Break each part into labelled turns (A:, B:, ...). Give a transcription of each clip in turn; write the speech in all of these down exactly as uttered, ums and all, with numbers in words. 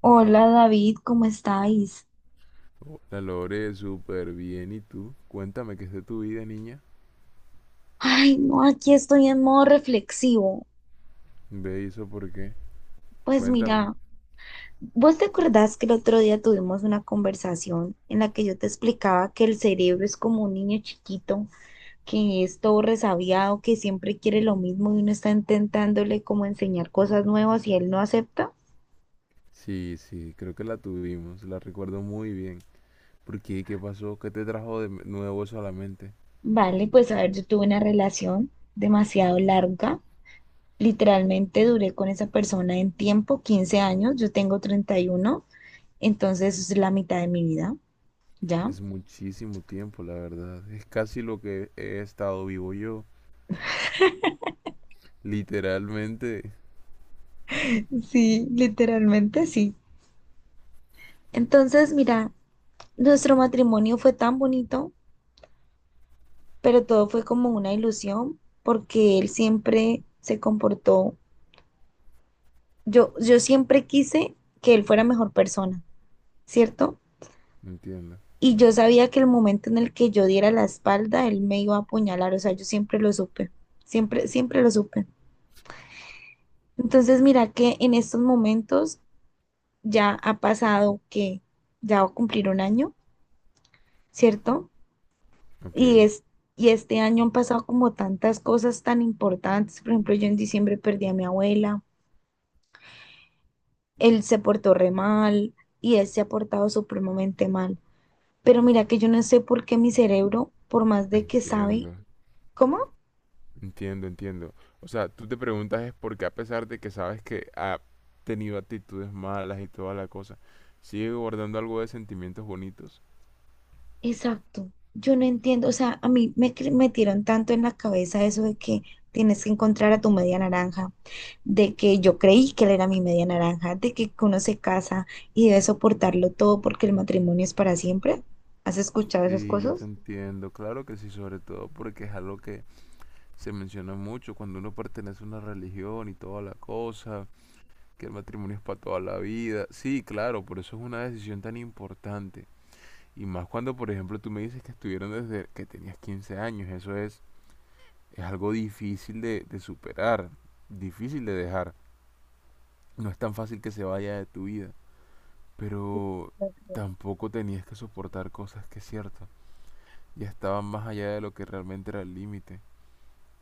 A: Hola David, ¿cómo estáis?
B: La logré súper bien. ¿Y tú? Cuéntame qué es de tu vida, niña.
A: Ay, no, aquí estoy en modo reflexivo.
B: Ve eso por qué.
A: Pues
B: Cuéntame.
A: mira, ¿vos te acordás que el otro día tuvimos una conversación en la que yo te explicaba que el cerebro es como un niño chiquito, que es todo resabiado, que siempre quiere lo mismo y uno está intentándole como enseñar cosas nuevas y él no acepta?
B: Sí, sí, creo que la tuvimos. La recuerdo muy bien. ¿Por qué? ¿Qué pasó? ¿Qué te trajo de nuevo eso a la mente?
A: Vale, pues a ver, yo tuve una relación demasiado larga. Literalmente duré con esa persona en tiempo, quince años, yo tengo treinta y uno. Entonces es la mitad de mi vida, ¿ya?
B: Es muchísimo tiempo, la verdad. Es casi lo que he estado vivo yo. Literalmente.
A: Sí, literalmente sí. Entonces, mira, nuestro matrimonio fue tan bonito, pero todo fue como una ilusión porque él siempre se comportó, yo, yo siempre quise que él fuera mejor persona, ¿cierto?
B: Entiendo.
A: Y yo sabía que el momento en el que yo diera la espalda, él me iba a apuñalar, o sea, yo siempre lo supe, siempre, siempre lo supe. Entonces, mira que en estos momentos ya ha pasado que ya va a cumplir un año ¿cierto? Y
B: Ok,
A: es, y este año han pasado como tantas cosas tan importantes. Por ejemplo, yo en diciembre perdí a mi abuela, él se portó re mal y él se ha portado supremamente mal. Pero mira que yo no sé por qué mi cerebro, por más de que sabe,
B: entiendo.
A: ¿cómo?
B: Entiendo, entiendo. O sea, tú te preguntas es por qué a pesar de que sabes que ha tenido actitudes malas y toda la cosa, sigue guardando algo de sentimientos bonitos.
A: Exacto. Yo no entiendo, o sea, a mí me cre- metieron tanto en la cabeza eso de que tienes que encontrar a tu media naranja, de que yo creí que él era mi media naranja, de que uno se casa y debe soportarlo todo porque el matrimonio es para siempre. ¿Has escuchado esas
B: Sí, yo te
A: cosas?
B: entiendo, claro que sí, sobre todo porque es algo que se menciona mucho cuando uno pertenece a una religión y toda la cosa, que el matrimonio es para toda la vida. Sí, claro, por eso es una decisión tan importante. Y más cuando, por ejemplo, tú me dices que estuvieron desde que tenías quince años, eso es es algo difícil de, de superar, difícil de dejar. No es tan fácil que se vaya de tu vida, pero tampoco tenías que soportar cosas que es cierto, ya estaban más allá de lo que realmente era el límite.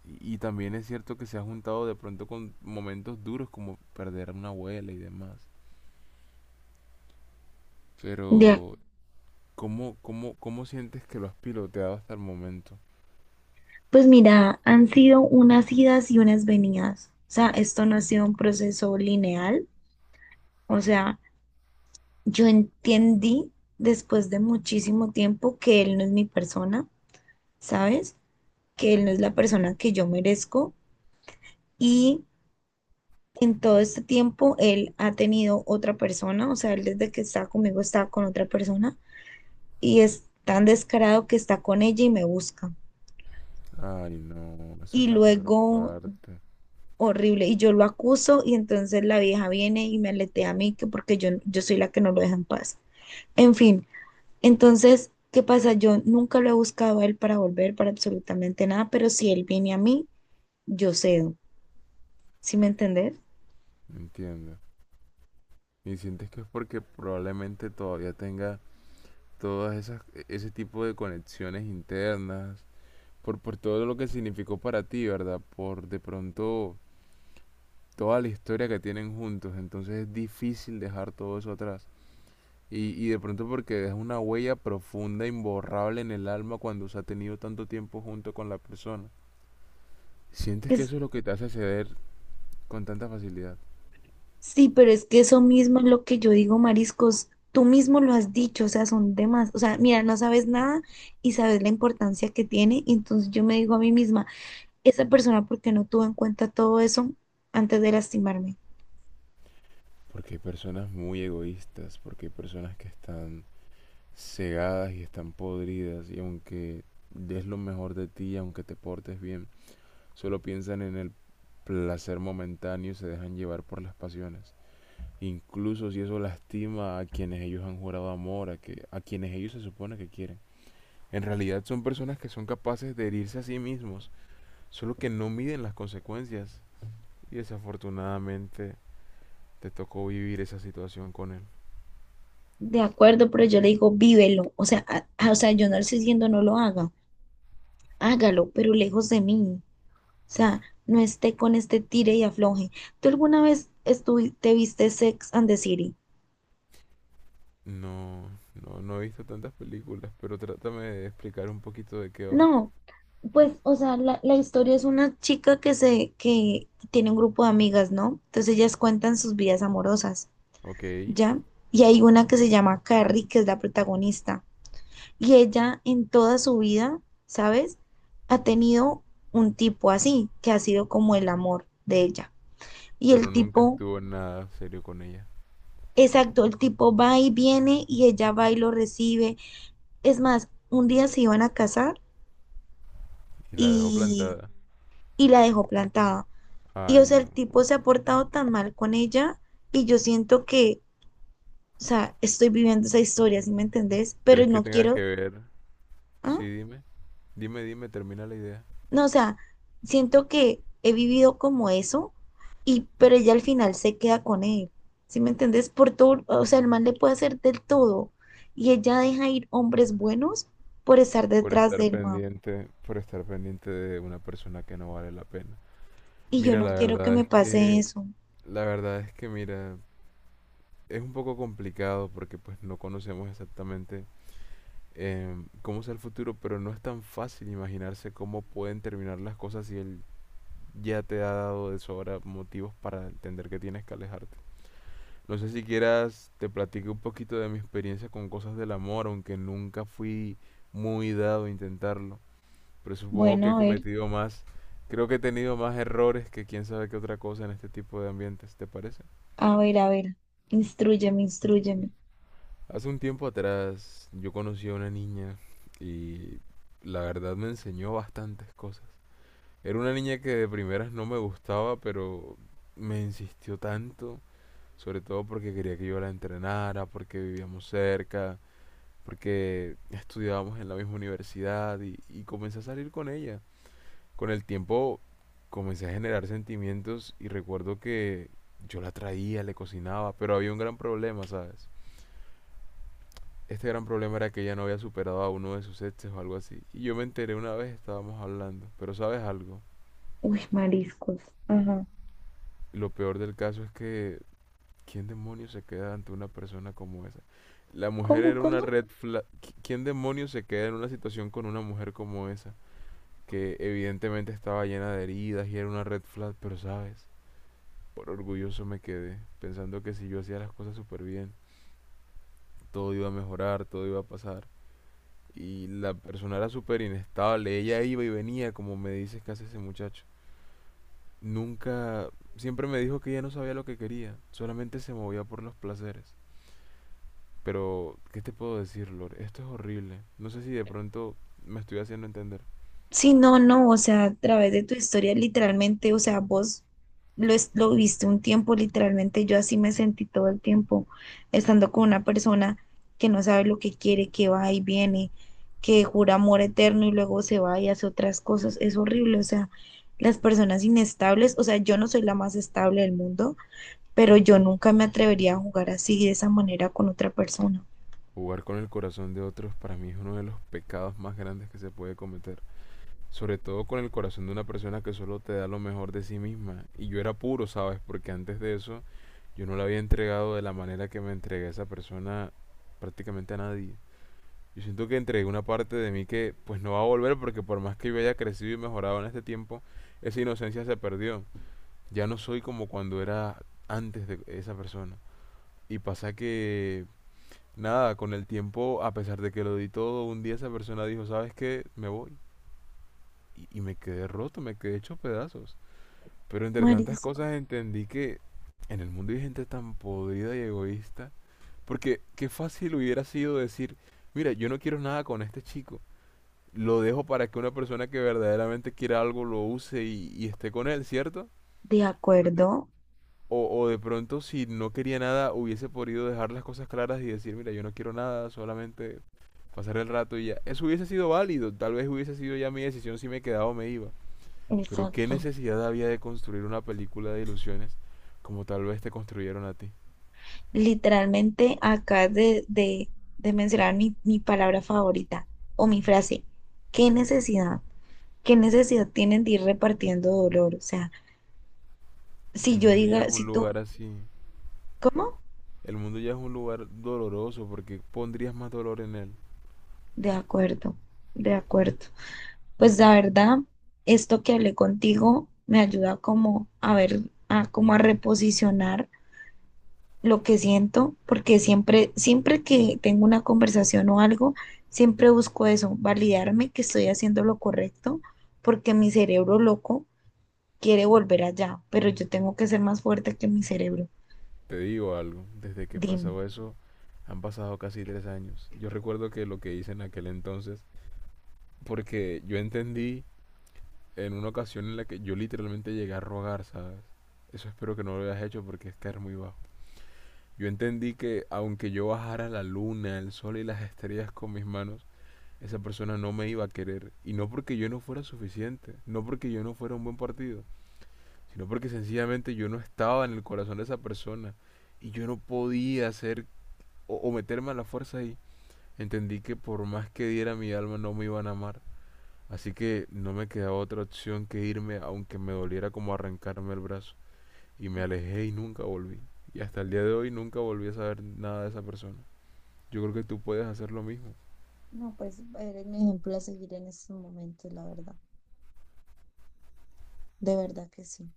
B: Y, y también es cierto que se ha juntado de pronto con momentos duros como perder a una abuela y demás.
A: De,
B: Pero, ¿cómo, cómo, cómo sientes que lo has piloteado hasta el momento?
A: pues mira, han sido unas idas y unas venidas. O sea, esto no ha sido un proceso lineal. O sea, yo entendí después de muchísimo tiempo que él no es mi persona, ¿sabes? Que él no es la persona que yo merezco y en todo este tiempo él ha tenido otra persona, o sea, él desde que está conmigo está con otra persona y es tan descarado que está con ella y me busca.
B: Ay, no, esa es
A: Y
B: la peor
A: luego,
B: parte,
A: horrible, y yo lo acuso y entonces la vieja viene y me aletea a mí que porque yo, yo soy la que no lo deja en paz. En fin, entonces, ¿qué pasa? Yo nunca lo he buscado a él para volver, para absolutamente nada, pero si él viene a mí, yo cedo. ¿Sí me entendés?
B: entiendo. Y sientes que es porque probablemente todavía tengas todas esas e, ese tipo de conexiones internas, por, por todo lo que significó para ti, ¿verdad? Por de pronto toda la historia que tienen juntos, entonces es difícil dejar todo eso atrás. Y, y de pronto porque deja una huella profunda, imborrable en el alma cuando se ha tenido tanto tiempo junto con la persona. Sientes que
A: Es
B: eso es lo que te hace ceder con tanta facilidad.
A: Sí, pero es que eso mismo es lo que yo digo, mariscos. Tú mismo lo has dicho, o sea, son demás. O sea, mira, no sabes nada y sabes la importancia que tiene. Y entonces yo me digo a mí misma, esa persona, ¿por qué no tuvo en cuenta todo eso antes de lastimarme?
B: Porque hay personas muy egoístas, porque hay personas que están cegadas y están podridas, y aunque des lo mejor de ti, aunque te portes bien, solo piensan en el placer momentáneo y se dejan llevar por las pasiones. Incluso si eso lastima a quienes ellos han jurado amor, a, que, a quienes ellos se supone que quieren. En realidad son personas que son capaces de herirse a sí mismos, solo que no miden las consecuencias. Y desafortunadamente te tocó vivir esa situación con él.
A: De acuerdo, pero yo le digo, vívelo. O sea, a- a- o sea, yo no le estoy diciendo no lo haga, hágalo, pero lejos de mí. O sea, no esté con este tire y afloje. ¿Tú alguna vez estuvi- te viste Sex and the City?
B: No, no, no he visto tantas películas, pero trátame de explicar un poquito de qué va.
A: No, pues, o sea, la, la historia es una chica que se, que tiene un grupo de amigas, ¿no? Entonces ellas cuentan sus vidas amorosas,
B: Ok,
A: ¿ya? Y hay una que se llama Carrie, que es la protagonista. Y ella en toda su vida, ¿sabes? Ha tenido un tipo así, que ha sido como el amor de ella. Y el
B: pero nunca
A: tipo,
B: estuvo en nada serio con ella.
A: exacto, el tipo va y viene y ella va y lo recibe. Es más, un día se iban a casar
B: Y la dejó
A: y,
B: plantada.
A: y la dejó plantada. Y o
B: Ay,
A: sea, el tipo
B: no.
A: se ha portado tan mal con ella y yo siento que, o sea, estoy viviendo esa historia, ¿sí me entendés? Pero
B: ¿Crees que
A: no
B: tenga que
A: quiero,
B: ver? Sí,
A: ¿ah?
B: dime. Dime, dime, termina la idea.
A: No, o sea, siento que he vivido como eso y pero ella al final se queda con él, ¿sí me entendés? Por todo, o sea, el man le puede hacer del todo y ella deja ir hombres buenos por estar
B: Por
A: detrás
B: estar
A: del man.
B: pendiente, por estar pendiente de una persona que no vale la pena.
A: Y yo
B: Mira,
A: no
B: la
A: quiero que
B: verdad
A: me
B: es
A: pase
B: que,
A: eso.
B: la verdad es que, mira, es un poco complicado porque pues no conocemos exactamente em, cómo será el futuro, pero no es tan fácil imaginarse cómo pueden terminar las cosas y el ya te ha dado de sobra motivos para entender que tienes que alejarte. No sé si quieras, te platico un poquito de mi experiencia con cosas del amor, aunque nunca fui muy dado a intentarlo. Pero supongo que he
A: Bueno, a ver,
B: cometido más, creo que he tenido más errores que quién sabe qué otra cosa en este tipo de ambientes, ¿te parece?
A: a ver, a ver. Instrúyeme, instrúyeme.
B: Hace un tiempo atrás yo conocí a una niña y la verdad me enseñó bastantes cosas. Era una niña que de primeras no me gustaba, pero me insistió tanto sobre todo porque quería que yo la entrenara, porque vivíamos cerca, porque estudiábamos en la misma universidad y, y comencé a salir con ella. Con el tiempo comencé a generar sentimientos y recuerdo que yo la traía, le cocinaba, pero había un gran problema, ¿sabes? Este gran problema era que ella no había superado a uno de sus exes o algo así. Y yo me enteré una vez, estábamos hablando, pero ¿sabes algo?
A: Uy, mariscos. Ajá.
B: Lo peor del caso es que ¿quién demonios se queda ante una persona como esa? La mujer
A: ¿Cómo,
B: era una
A: cómo?
B: red flag. ¿Qui- ¿Quién demonios se queda en una situación con una mujer como esa? Que evidentemente estaba llena de heridas y era una red flag, pero sabes, por orgulloso me quedé, pensando que si yo hacía las cosas súper bien, todo iba a mejorar, todo iba a pasar. Y la persona era súper inestable, ella iba y venía, como me dices que hace ese muchacho. Nunca, siempre me dijo que ella no sabía lo que quería, solamente se movía por los placeres. Pero, ¿qué te puedo decir, Lord? Esto es horrible. No sé si de pronto me estoy haciendo entender.
A: Sí, no, no, o sea, a través de tu historia, literalmente, o sea, vos lo, es- lo viste un tiempo, literalmente, yo así me sentí todo el tiempo, estando con una persona que no sabe lo que quiere, que va y viene, que jura amor eterno y luego se va y hace otras cosas, es horrible, o sea, las personas inestables, o sea, yo no soy la más estable del mundo, pero yo nunca me atrevería a jugar así, de esa manera, con otra persona.
B: Jugar con el corazón de otros para mí es uno de los pecados más grandes que se puede cometer. Sobre todo con el corazón de una persona que solo te da lo mejor de sí misma. Y yo era puro, ¿sabes? Porque antes de eso yo no le había entregado de la manera que me entregué a esa persona prácticamente a nadie. Yo siento que entregué una parte de mí que pues no va a volver porque por más que yo haya crecido y mejorado en este tiempo, esa inocencia se perdió. Ya no soy como cuando era antes de esa persona. Y pasa que, nada, con el tiempo, a pesar de que lo di todo, un día esa persona dijo, ¿sabes qué? Me voy. Y, y me quedé roto, me quedé hecho pedazos. Pero entre tantas
A: Marisco,
B: cosas entendí que en el mundo hay gente tan podrida y egoísta. Porque qué fácil hubiera sido decir, mira, yo no quiero nada con este chico. Lo dejo para que una persona que verdaderamente quiera algo lo use y, y esté con él, ¿cierto?
A: de
B: ¿No te-
A: acuerdo,
B: O, o de pronto, si no quería nada, hubiese podido dejar las cosas claras y decir, mira, yo no quiero nada, solamente pasar el rato y ya. Eso hubiese sido válido, tal vez hubiese sido ya mi decisión si me quedaba o me iba. Pero qué
A: exacto.
B: necesidad había de construir una película de ilusiones como tal vez te construyeron a ti.
A: Literalmente acabas de, de, de mencionar mi, mi palabra favorita o mi frase. ¿Qué necesidad? ¿Qué necesidad tienen de ir repartiendo dolor? O sea, si
B: El
A: yo
B: mundo ya es
A: diga, si
B: un
A: tú,
B: lugar así.
A: ¿cómo?
B: El mundo ya es un lugar doloroso porque pondrías más dolor en él.
A: De acuerdo, de acuerdo. Pues la verdad, esto que hablé contigo me ayuda como a ver, a como a reposicionar lo que siento, porque siempre, siempre que tengo una conversación o algo, siempre busco eso, validarme que estoy haciendo lo correcto, porque mi cerebro loco quiere volver allá, pero yo tengo que ser más fuerte que mi cerebro.
B: Te digo algo, desde que
A: Dime.
B: pasó eso han pasado casi tres años. Yo recuerdo que lo que hice en aquel entonces, porque yo entendí en una ocasión en la que yo literalmente llegué a rogar, ¿sabes? Eso espero que no lo hayas hecho porque es caer muy bajo. Yo entendí que aunque yo bajara la luna, el sol y las estrellas con mis manos, esa persona no me iba a querer. Y no porque yo no fuera suficiente, no porque yo no fuera un buen partido, sino porque sencillamente yo no estaba en el corazón de esa persona. Y yo no podía hacer o, o meterme a la fuerza ahí. Entendí que por más que diera mi alma no me iban a amar. Así que no me quedaba otra opción que irme aunque me doliera como arrancarme el brazo. Y me alejé y nunca volví. Y hasta el día de hoy nunca volví a saber nada de esa persona. Yo creo que tú puedes hacer lo mismo.
A: No, pues eres mi ejemplo a seguir en estos momentos, la verdad. De verdad que sí.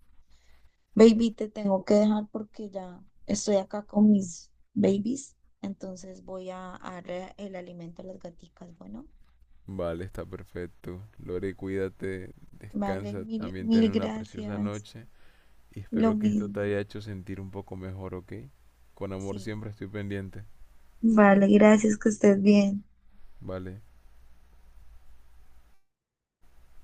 A: Baby, te tengo que dejar porque ya estoy acá con mis babies. Entonces voy a, a darle el alimento a las gaticas. Bueno,
B: Vale, está perfecto. Lore, cuídate,
A: vale,
B: descansa,
A: mil,
B: también ten
A: mil
B: una preciosa
A: gracias.
B: noche. Y
A: Lo
B: espero que esto te
A: mismo,
B: haya hecho sentir un poco mejor, ¿ok? Con amor
A: sí.
B: siempre estoy pendiente.
A: Vale, gracias, que estés bien.
B: Vale.